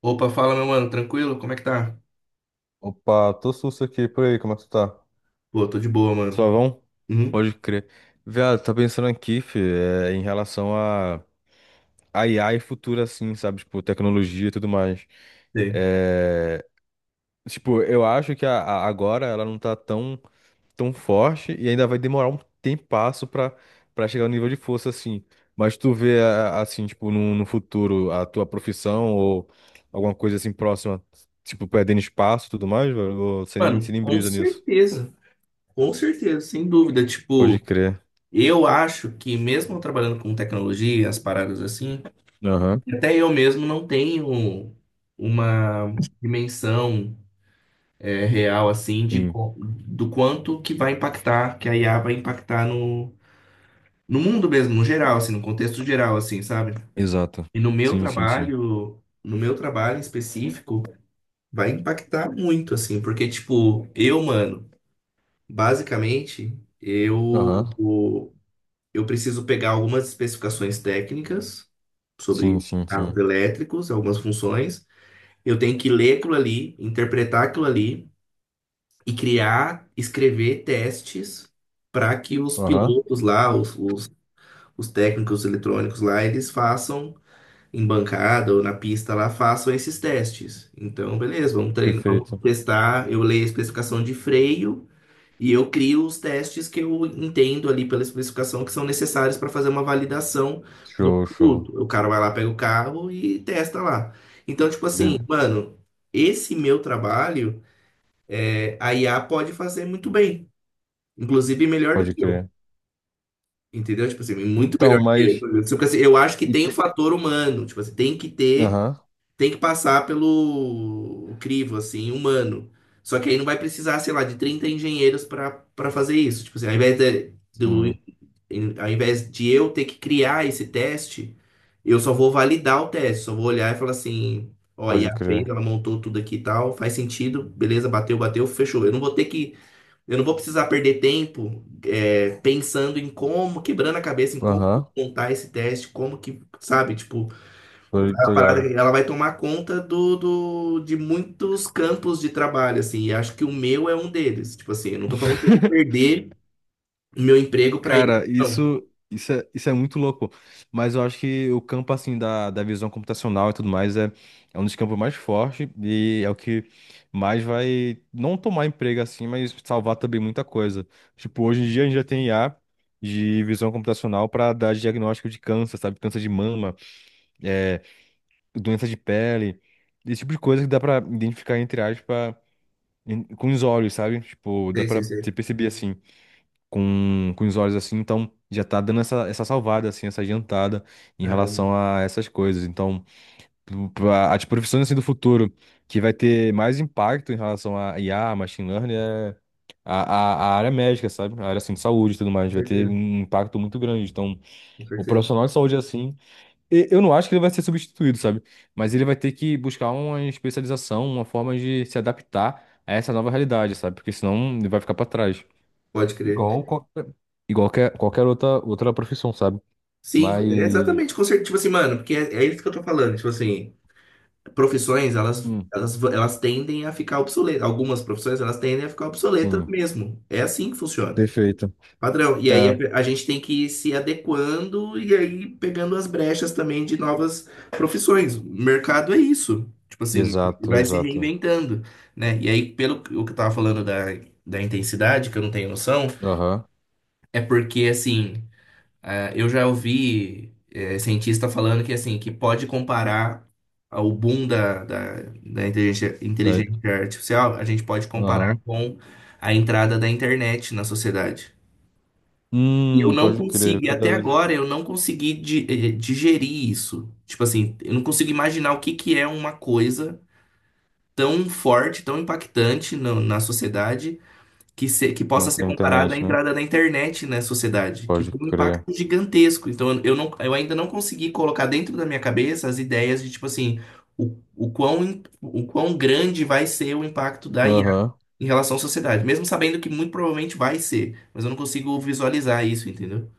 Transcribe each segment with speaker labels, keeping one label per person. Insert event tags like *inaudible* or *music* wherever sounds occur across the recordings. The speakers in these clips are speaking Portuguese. Speaker 1: Opa, fala, meu mano, tranquilo? Como é que tá?
Speaker 2: Opa, tô susto aqui, por aí, como é que tu tá?
Speaker 1: Pô, tô de boa, mano.
Speaker 2: Suavão?
Speaker 1: Uhum.
Speaker 2: Pode crer. Viado, tá pensando aqui, fi, em relação a IA e futuro, assim, sabe? Tipo, tecnologia e tudo mais.
Speaker 1: Sei.
Speaker 2: É, tipo, eu acho que agora ela não tá tão forte e ainda vai demorar um tempasso pra chegar no nível de força, assim. Mas tu vê, assim, tipo, no futuro, a tua profissão ou alguma coisa assim próxima, tipo, perdendo espaço e tudo mais, velho? Ou você
Speaker 1: Mano,
Speaker 2: nem brisa nisso?
Speaker 1: com certeza, sem dúvida. Tipo,
Speaker 2: Pode crer.
Speaker 1: eu acho que mesmo eu trabalhando com tecnologia, as paradas assim,
Speaker 2: Aham.
Speaker 1: até eu mesmo não tenho uma dimensão real, assim, de,
Speaker 2: Sim.
Speaker 1: do quanto que vai impactar, que a IA vai impactar no mundo mesmo, no geral, assim, no contexto geral, assim, sabe?
Speaker 2: Exato.
Speaker 1: E
Speaker 2: Sim, sim, sim.
Speaker 1: no meu trabalho em específico, vai impactar muito, assim, porque, tipo, eu, mano, basicamente,
Speaker 2: Aham.
Speaker 1: eu preciso pegar algumas especificações técnicas
Speaker 2: Sim,
Speaker 1: sobre
Speaker 2: sim,
Speaker 1: carros
Speaker 2: sim.
Speaker 1: elétricos, algumas funções. Eu tenho que ler aquilo ali, interpretar aquilo ali e criar, escrever testes para que os
Speaker 2: Aham.
Speaker 1: pilotos lá, os técnicos eletrônicos lá, eles façam em bancada ou na pista lá façam esses testes. Então, beleza, vamos treinar, vamos
Speaker 2: Perfeito.
Speaker 1: testar. Eu leio a especificação de freio e eu crio os testes que eu entendo ali pela especificação que são necessários para fazer uma validação do
Speaker 2: Show, show.
Speaker 1: produto. O cara vai lá, pega o carro e testa lá. Então, tipo assim,
Speaker 2: Bele-
Speaker 1: mano, esse meu trabalho, a IA pode fazer muito bem, inclusive melhor do
Speaker 2: Pode
Speaker 1: que eu.
Speaker 2: crer.
Speaker 1: Entendeu? Tipo assim, muito
Speaker 2: Então,
Speaker 1: melhor do que
Speaker 2: mas.
Speaker 1: eu. Tipo assim, eu acho que
Speaker 2: e
Speaker 1: tem o
Speaker 2: te-
Speaker 1: fator humano, tipo assim,
Speaker 2: Aham.
Speaker 1: tem que passar pelo crivo, assim, humano. Só que aí não vai precisar, sei lá, de 30 engenheiros para fazer isso. Tipo assim,
Speaker 2: Sim.
Speaker 1: ao invés de eu ter que criar esse teste, eu só vou validar o teste, só vou olhar e falar assim, ó, a
Speaker 2: Pode
Speaker 1: IA
Speaker 2: crer.
Speaker 1: fez, ela montou tudo aqui e tal, faz sentido, beleza, bateu, bateu, fechou. Eu não vou precisar perder tempo pensando em como, quebrando a cabeça em como
Speaker 2: Aham.
Speaker 1: montar esse teste, como que, sabe, tipo,
Speaker 2: Tô
Speaker 1: a parada,
Speaker 2: ligado.
Speaker 1: ela vai tomar conta de muitos campos de trabalho, assim, e acho que o meu é um deles. Tipo assim, eu não tô falando que eu vou
Speaker 2: *laughs*
Speaker 1: perder o meu emprego para ir.
Speaker 2: Cara,
Speaker 1: Não.
Speaker 2: isso é muito louco. Mas eu acho que o campo, assim, da visão computacional e tudo mais é um dos campos mais fortes e é o que mais vai não tomar emprego, assim, mas salvar também muita coisa. Tipo, hoje em dia a gente já tem IA de visão computacional para dar diagnóstico de câncer, sabe? Câncer de mama, é, doença de pele, esse tipo de coisa que dá para identificar, entre aspas, com os olhos, sabe? Tipo, dá
Speaker 1: Sei,
Speaker 2: para
Speaker 1: sei,
Speaker 2: você
Speaker 1: sei.
Speaker 2: perceber, assim com os olhos assim, então já tá dando essa salvada, assim, essa adiantada em
Speaker 1: Caramba,
Speaker 2: relação a essas coisas. Então, as profissões assim do futuro que vai ter mais impacto em relação a IA, machine learning, é a, a área médica, sabe? A área assim, de saúde e tudo mais,
Speaker 1: com
Speaker 2: vai ter
Speaker 1: certeza,
Speaker 2: um impacto muito grande. Então,
Speaker 1: com
Speaker 2: o
Speaker 1: certeza.
Speaker 2: profissional de saúde assim, eu não acho que ele vai ser substituído, sabe? Mas ele vai ter que buscar uma especialização, uma forma de se adaptar a essa nova realidade, sabe? Porque senão ele vai ficar pra trás.
Speaker 1: Pode crer.
Speaker 2: Igual qualquer, igual qualquer outra profissão, sabe?
Speaker 1: Sim,
Speaker 2: Mas.
Speaker 1: é exatamente, com certeza. Tipo assim, mano, porque é isso que eu tô falando. Tipo assim, profissões, elas,
Speaker 2: Hum,
Speaker 1: elas, v- elas tendem a ficar obsoletas. Algumas profissões, elas tendem a ficar obsoletas
Speaker 2: sim,
Speaker 1: mesmo. É assim que funciona.
Speaker 2: perfeito.
Speaker 1: Padrão. E aí
Speaker 2: É,
Speaker 1: a gente tem que ir se adequando e aí pegando as brechas também de novas profissões. O mercado é isso. Tipo assim, ele
Speaker 2: exato,
Speaker 1: vai se
Speaker 2: exato.
Speaker 1: reinventando, né? E aí, o que eu tava falando da intensidade, que eu não tenho noção,
Speaker 2: Aham.
Speaker 1: é porque, assim, ah, eu já ouvi cientista falando que, assim, que pode comparar o boom da inteligência,
Speaker 2: Tá-
Speaker 1: artificial, a gente pode comparar
Speaker 2: Aham.
Speaker 1: com a entrada da internet na sociedade. E eu não
Speaker 2: Pode crer,
Speaker 1: consigo,
Speaker 2: é
Speaker 1: e até
Speaker 2: verdade.
Speaker 1: agora eu não consegui digerir isso. Tipo assim, eu não consigo imaginar o que que é uma coisa tão forte, tão impactante na sociedade, que, que possa
Speaker 2: Quanto
Speaker 1: ser
Speaker 2: à
Speaker 1: comparada
Speaker 2: internet,
Speaker 1: à
Speaker 2: né?
Speaker 1: entrada da internet na sociedade, que
Speaker 2: Pode
Speaker 1: foi um
Speaker 2: crer.
Speaker 1: impacto gigantesco. Então eu não, eu ainda não consegui colocar dentro da minha cabeça as ideias de, tipo assim, o quão grande vai ser o impacto da IA
Speaker 2: Aham.
Speaker 1: em relação à sociedade, mesmo sabendo que muito provavelmente vai ser, mas eu não consigo visualizar isso, entendeu?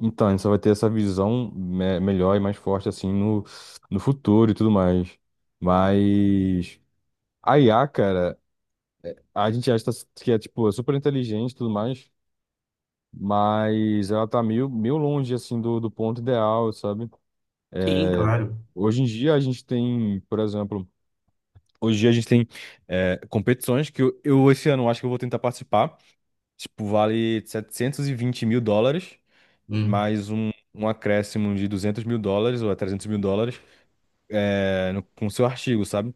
Speaker 2: Então, a gente só vai ter essa visão melhor e mais forte, assim, no futuro e tudo mais. Mas. A IA, cara, a gente acha que é, tipo, super inteligente e tudo mais. Mas ela tá meio longe, assim, do ponto ideal, sabe?
Speaker 1: Sim,
Speaker 2: É,
Speaker 1: claro.
Speaker 2: Hoje em dia a gente tem, por exemplo, hoje em dia a gente tem é, competições que eu esse ano acho que eu vou tentar participar. Tipo, vale US$ 720 mil,
Speaker 1: Hum.
Speaker 2: mais um acréscimo de US$ 200 mil ou US$ 300 mil com seu artigo, sabe?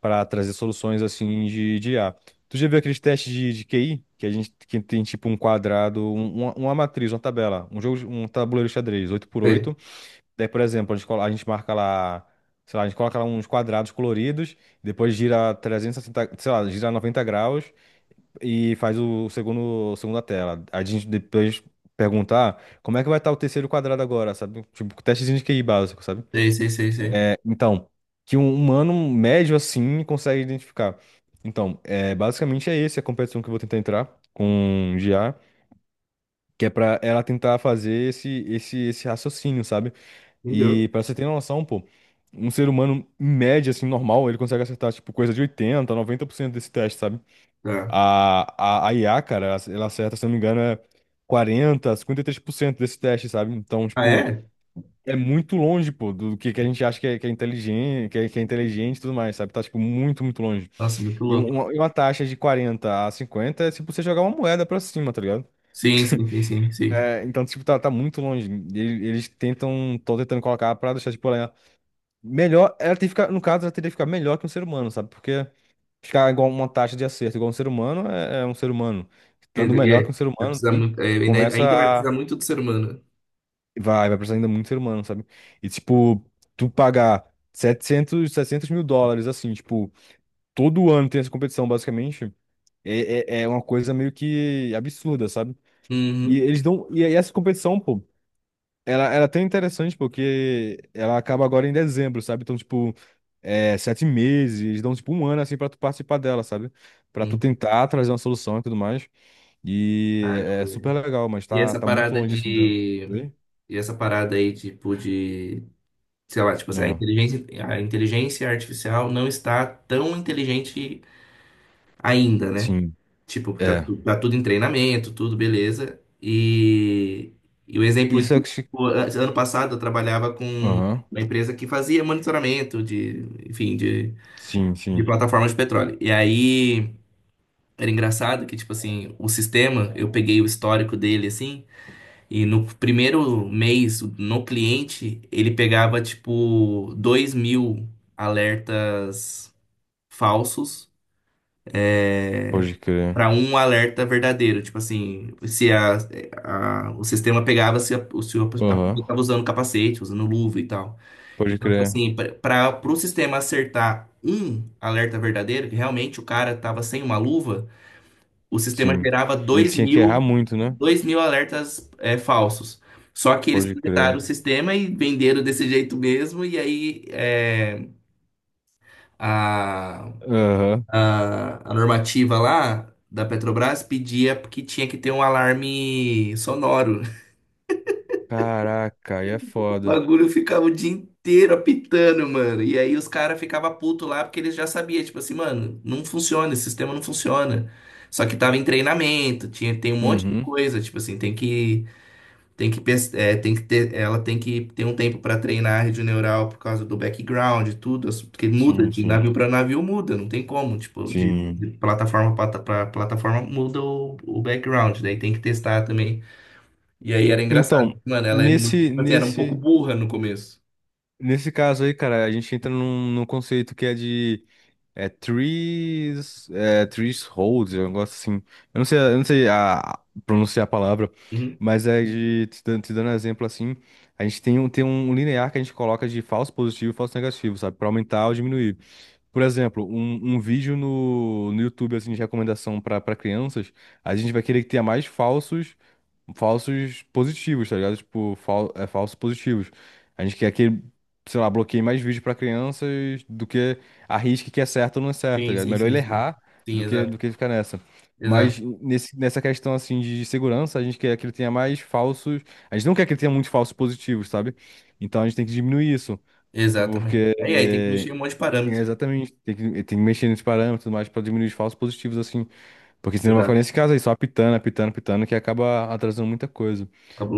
Speaker 2: Para trazer soluções assim de I a. Tu já viu aqueles testes de QI? Que a gente que tem tipo um quadrado, uma matriz, uma tabela, um jogo, um tabuleiro de xadrez, oito por
Speaker 1: Sei,
Speaker 2: oito. Daí, por exemplo, a gente marca lá, sei lá, a gente coloca lá uns quadrados coloridos, depois gira 360 sei lá, gira 90 graus e faz segunda tela. A gente depois perguntar como é que vai estar o terceiro quadrado agora, sabe? Tipo, testezinho de QI básico, sabe?
Speaker 1: sei, sei, sei. Sei.
Speaker 2: É, então, que um humano médio assim consegue identificar. Então, basicamente é esse a competição que eu vou tentar entrar com GA, que é pra ela tentar fazer esse raciocínio, sabe? E
Speaker 1: Entendeu?
Speaker 2: pra você ter noção, pô, um ser humano em média, assim, normal, ele consegue acertar, tipo, coisa de 80, 90% desse teste, sabe?
Speaker 1: Tá.
Speaker 2: A IA, cara, ela acerta, se eu não me engano, é 40, 53% desse teste, sabe? Então,
Speaker 1: Ah,
Speaker 2: tipo,
Speaker 1: é?
Speaker 2: é muito longe, pô, do que a gente acha que é, inteligente, que é inteligente e tudo mais, sabe? Tá, tipo, muito, muito longe.
Speaker 1: Nossa, muito
Speaker 2: E um-
Speaker 1: louco.
Speaker 2: uma, e uma taxa de 40 a 50 é tipo você jogar uma moeda pra cima, tá ligado?
Speaker 1: Sim, sim, sim, sim, sim.
Speaker 2: É, então, tipo, tá muito longe. Eles tentam, estão tentando colocar pra deixar, tipo, ela é melhor. Ela tem que ficar, no caso, ela teria que ficar melhor que um ser humano, sabe? Porque ficar igual uma taxa de acerto igual um ser humano é um ser humano.
Speaker 1: Quer
Speaker 2: Estando
Speaker 1: dizer,
Speaker 2: melhor que um
Speaker 1: é,
Speaker 2: ser
Speaker 1: vai
Speaker 2: humano,
Speaker 1: precisar
Speaker 2: e
Speaker 1: muito, ainda vai precisar
Speaker 2: começa.
Speaker 1: muito do ser humano.
Speaker 2: Vai precisar ainda muito ser humano, sabe? E, tipo, tu pagar setecentos mil dólares, assim, tipo, todo ano tem essa competição, basicamente, é uma coisa meio que absurda, sabe? E
Speaker 1: Uhum.
Speaker 2: eles dão. E aí essa competição, pô, ela é até interessante, porque ela acaba agora em dezembro, sabe? Então, tipo, 7 meses, eles dão, tipo, um ano, assim, pra tu participar dela, sabe? Pra tu
Speaker 1: Uhum.
Speaker 2: tentar trazer uma solução e tudo mais. E é
Speaker 1: Caramba,
Speaker 2: super
Speaker 1: velho.
Speaker 2: legal, mas
Speaker 1: E
Speaker 2: tá,
Speaker 1: essa
Speaker 2: tá muito
Speaker 1: parada
Speaker 2: longe, assim, da.
Speaker 1: de.
Speaker 2: Oi?
Speaker 1: E essa parada aí, tipo, de. Sei lá, tipo assim, a
Speaker 2: Ah,
Speaker 1: inteligência artificial não está tão inteligente ainda, né?
Speaker 2: sim.
Speaker 1: Tipo, tá,
Speaker 2: É.
Speaker 1: tá tudo em treinamento, tudo beleza. E o exemplo de
Speaker 2: Isso é que se.
Speaker 1: ano passado eu trabalhava com
Speaker 2: Aham.
Speaker 1: uma empresa que fazia monitoramento de, enfim,
Speaker 2: Sim,
Speaker 1: de
Speaker 2: sim.
Speaker 1: plataformas de petróleo. E aí era engraçado que, tipo assim, o sistema, eu peguei o histórico dele assim, e no primeiro mês, no cliente, ele pegava, tipo, 2.000 alertas falsos
Speaker 2: Pode crer.
Speaker 1: para um alerta verdadeiro, tipo assim, se o sistema pegava se a pessoa
Speaker 2: Aham.
Speaker 1: estava usando capacete, usando luva e tal.
Speaker 2: Pode
Speaker 1: Então, tipo
Speaker 2: crer.
Speaker 1: assim, para o sistema acertar um alerta verdadeiro, que realmente o cara estava sem uma luva, o sistema
Speaker 2: Sim.
Speaker 1: gerava
Speaker 2: Ele tinha que errar muito, né?
Speaker 1: 2.000 alertas falsos. Só que eles
Speaker 2: Pode crer.
Speaker 1: projetaram o sistema e venderam desse jeito mesmo, e aí
Speaker 2: Aham.
Speaker 1: a normativa lá da Petrobras pedia que tinha que ter um alarme sonoro. *laughs*
Speaker 2: Caraca, aí é
Speaker 1: O
Speaker 2: foda.
Speaker 1: bagulho ficava o dia inteiro apitando, mano. E aí os caras ficavam putos lá porque eles já sabiam, tipo assim, mano, não funciona, esse sistema não funciona. Só que tava em treinamento, tinha, tem um monte de
Speaker 2: Uhum.
Speaker 1: coisa, tipo assim, ela tem que ter um tempo para treinar a rede neural por causa do background e tudo, porque muda
Speaker 2: Sim,
Speaker 1: de
Speaker 2: sim.
Speaker 1: navio para navio, muda, não tem como, tipo, de
Speaker 2: Sim.
Speaker 1: plataforma para plataforma muda o background, daí tem que testar também. E aí era engraçado,
Speaker 2: Então,
Speaker 1: mano, ela é muito,
Speaker 2: nesse,
Speaker 1: tipo assim, era um pouco
Speaker 2: nesse,
Speaker 1: burra no começo.
Speaker 2: nesse caso aí, cara, a gente entra num conceito que é de é Trees Hold, um negócio assim. Eu não sei pronunciar a palavra,
Speaker 1: Uhum.
Speaker 2: mas é de te dando exemplo assim. A gente tem um linear que a gente coloca de falso positivo e falso negativo, sabe? Para aumentar ou diminuir. Por exemplo, um vídeo no YouTube assim, de recomendação para crianças, a gente vai querer que tenha mais falsos positivos, tá ligado? Tipo, falsos positivos. A gente quer que, sei lá, bloqueie mais vídeos pra crianças do que arrisque que é certo ou não é certo, tá
Speaker 1: Sim,
Speaker 2: ligado?
Speaker 1: sim,
Speaker 2: Melhor
Speaker 1: sim,
Speaker 2: ele
Speaker 1: sim.
Speaker 2: errar
Speaker 1: Sim,
Speaker 2: do que, do
Speaker 1: exato,
Speaker 2: que ficar nessa. Mas
Speaker 1: exato,
Speaker 2: nessa questão, assim, de segurança, a gente quer que ele tenha mais falsos... A gente não quer que ele tenha muitos falsos positivos, sabe? Então a gente tem que diminuir isso,
Speaker 1: exatamente.
Speaker 2: porque...
Speaker 1: Aí tem que
Speaker 2: É,
Speaker 1: mexer em um monte de
Speaker 2: é
Speaker 1: parâmetro.
Speaker 2: exatamente, tem que mexer nesse parâmetro e tudo mais pra diminuir os falsos positivos, assim, porque senão vai ficar
Speaker 1: Exato,
Speaker 2: nesse caso aí, só apitando, apitando, apitando, que acaba atrasando muita coisa.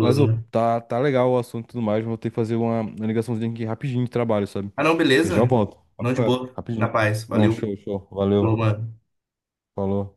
Speaker 2: Mas, ô,
Speaker 1: né?
Speaker 2: tá legal o assunto e tudo mais, vou ter que fazer uma ligaçãozinha aqui rapidinho de trabalho, sabe?
Speaker 1: Ah, não,
Speaker 2: Eu já
Speaker 1: beleza?
Speaker 2: volto.
Speaker 1: Não de
Speaker 2: Papo reto,
Speaker 1: boa, na
Speaker 2: rapidinho.
Speaker 1: paz,
Speaker 2: Não,
Speaker 1: valeu,
Speaker 2: show, show.
Speaker 1: falou,
Speaker 2: Valeu.
Speaker 1: mano.
Speaker 2: Falou.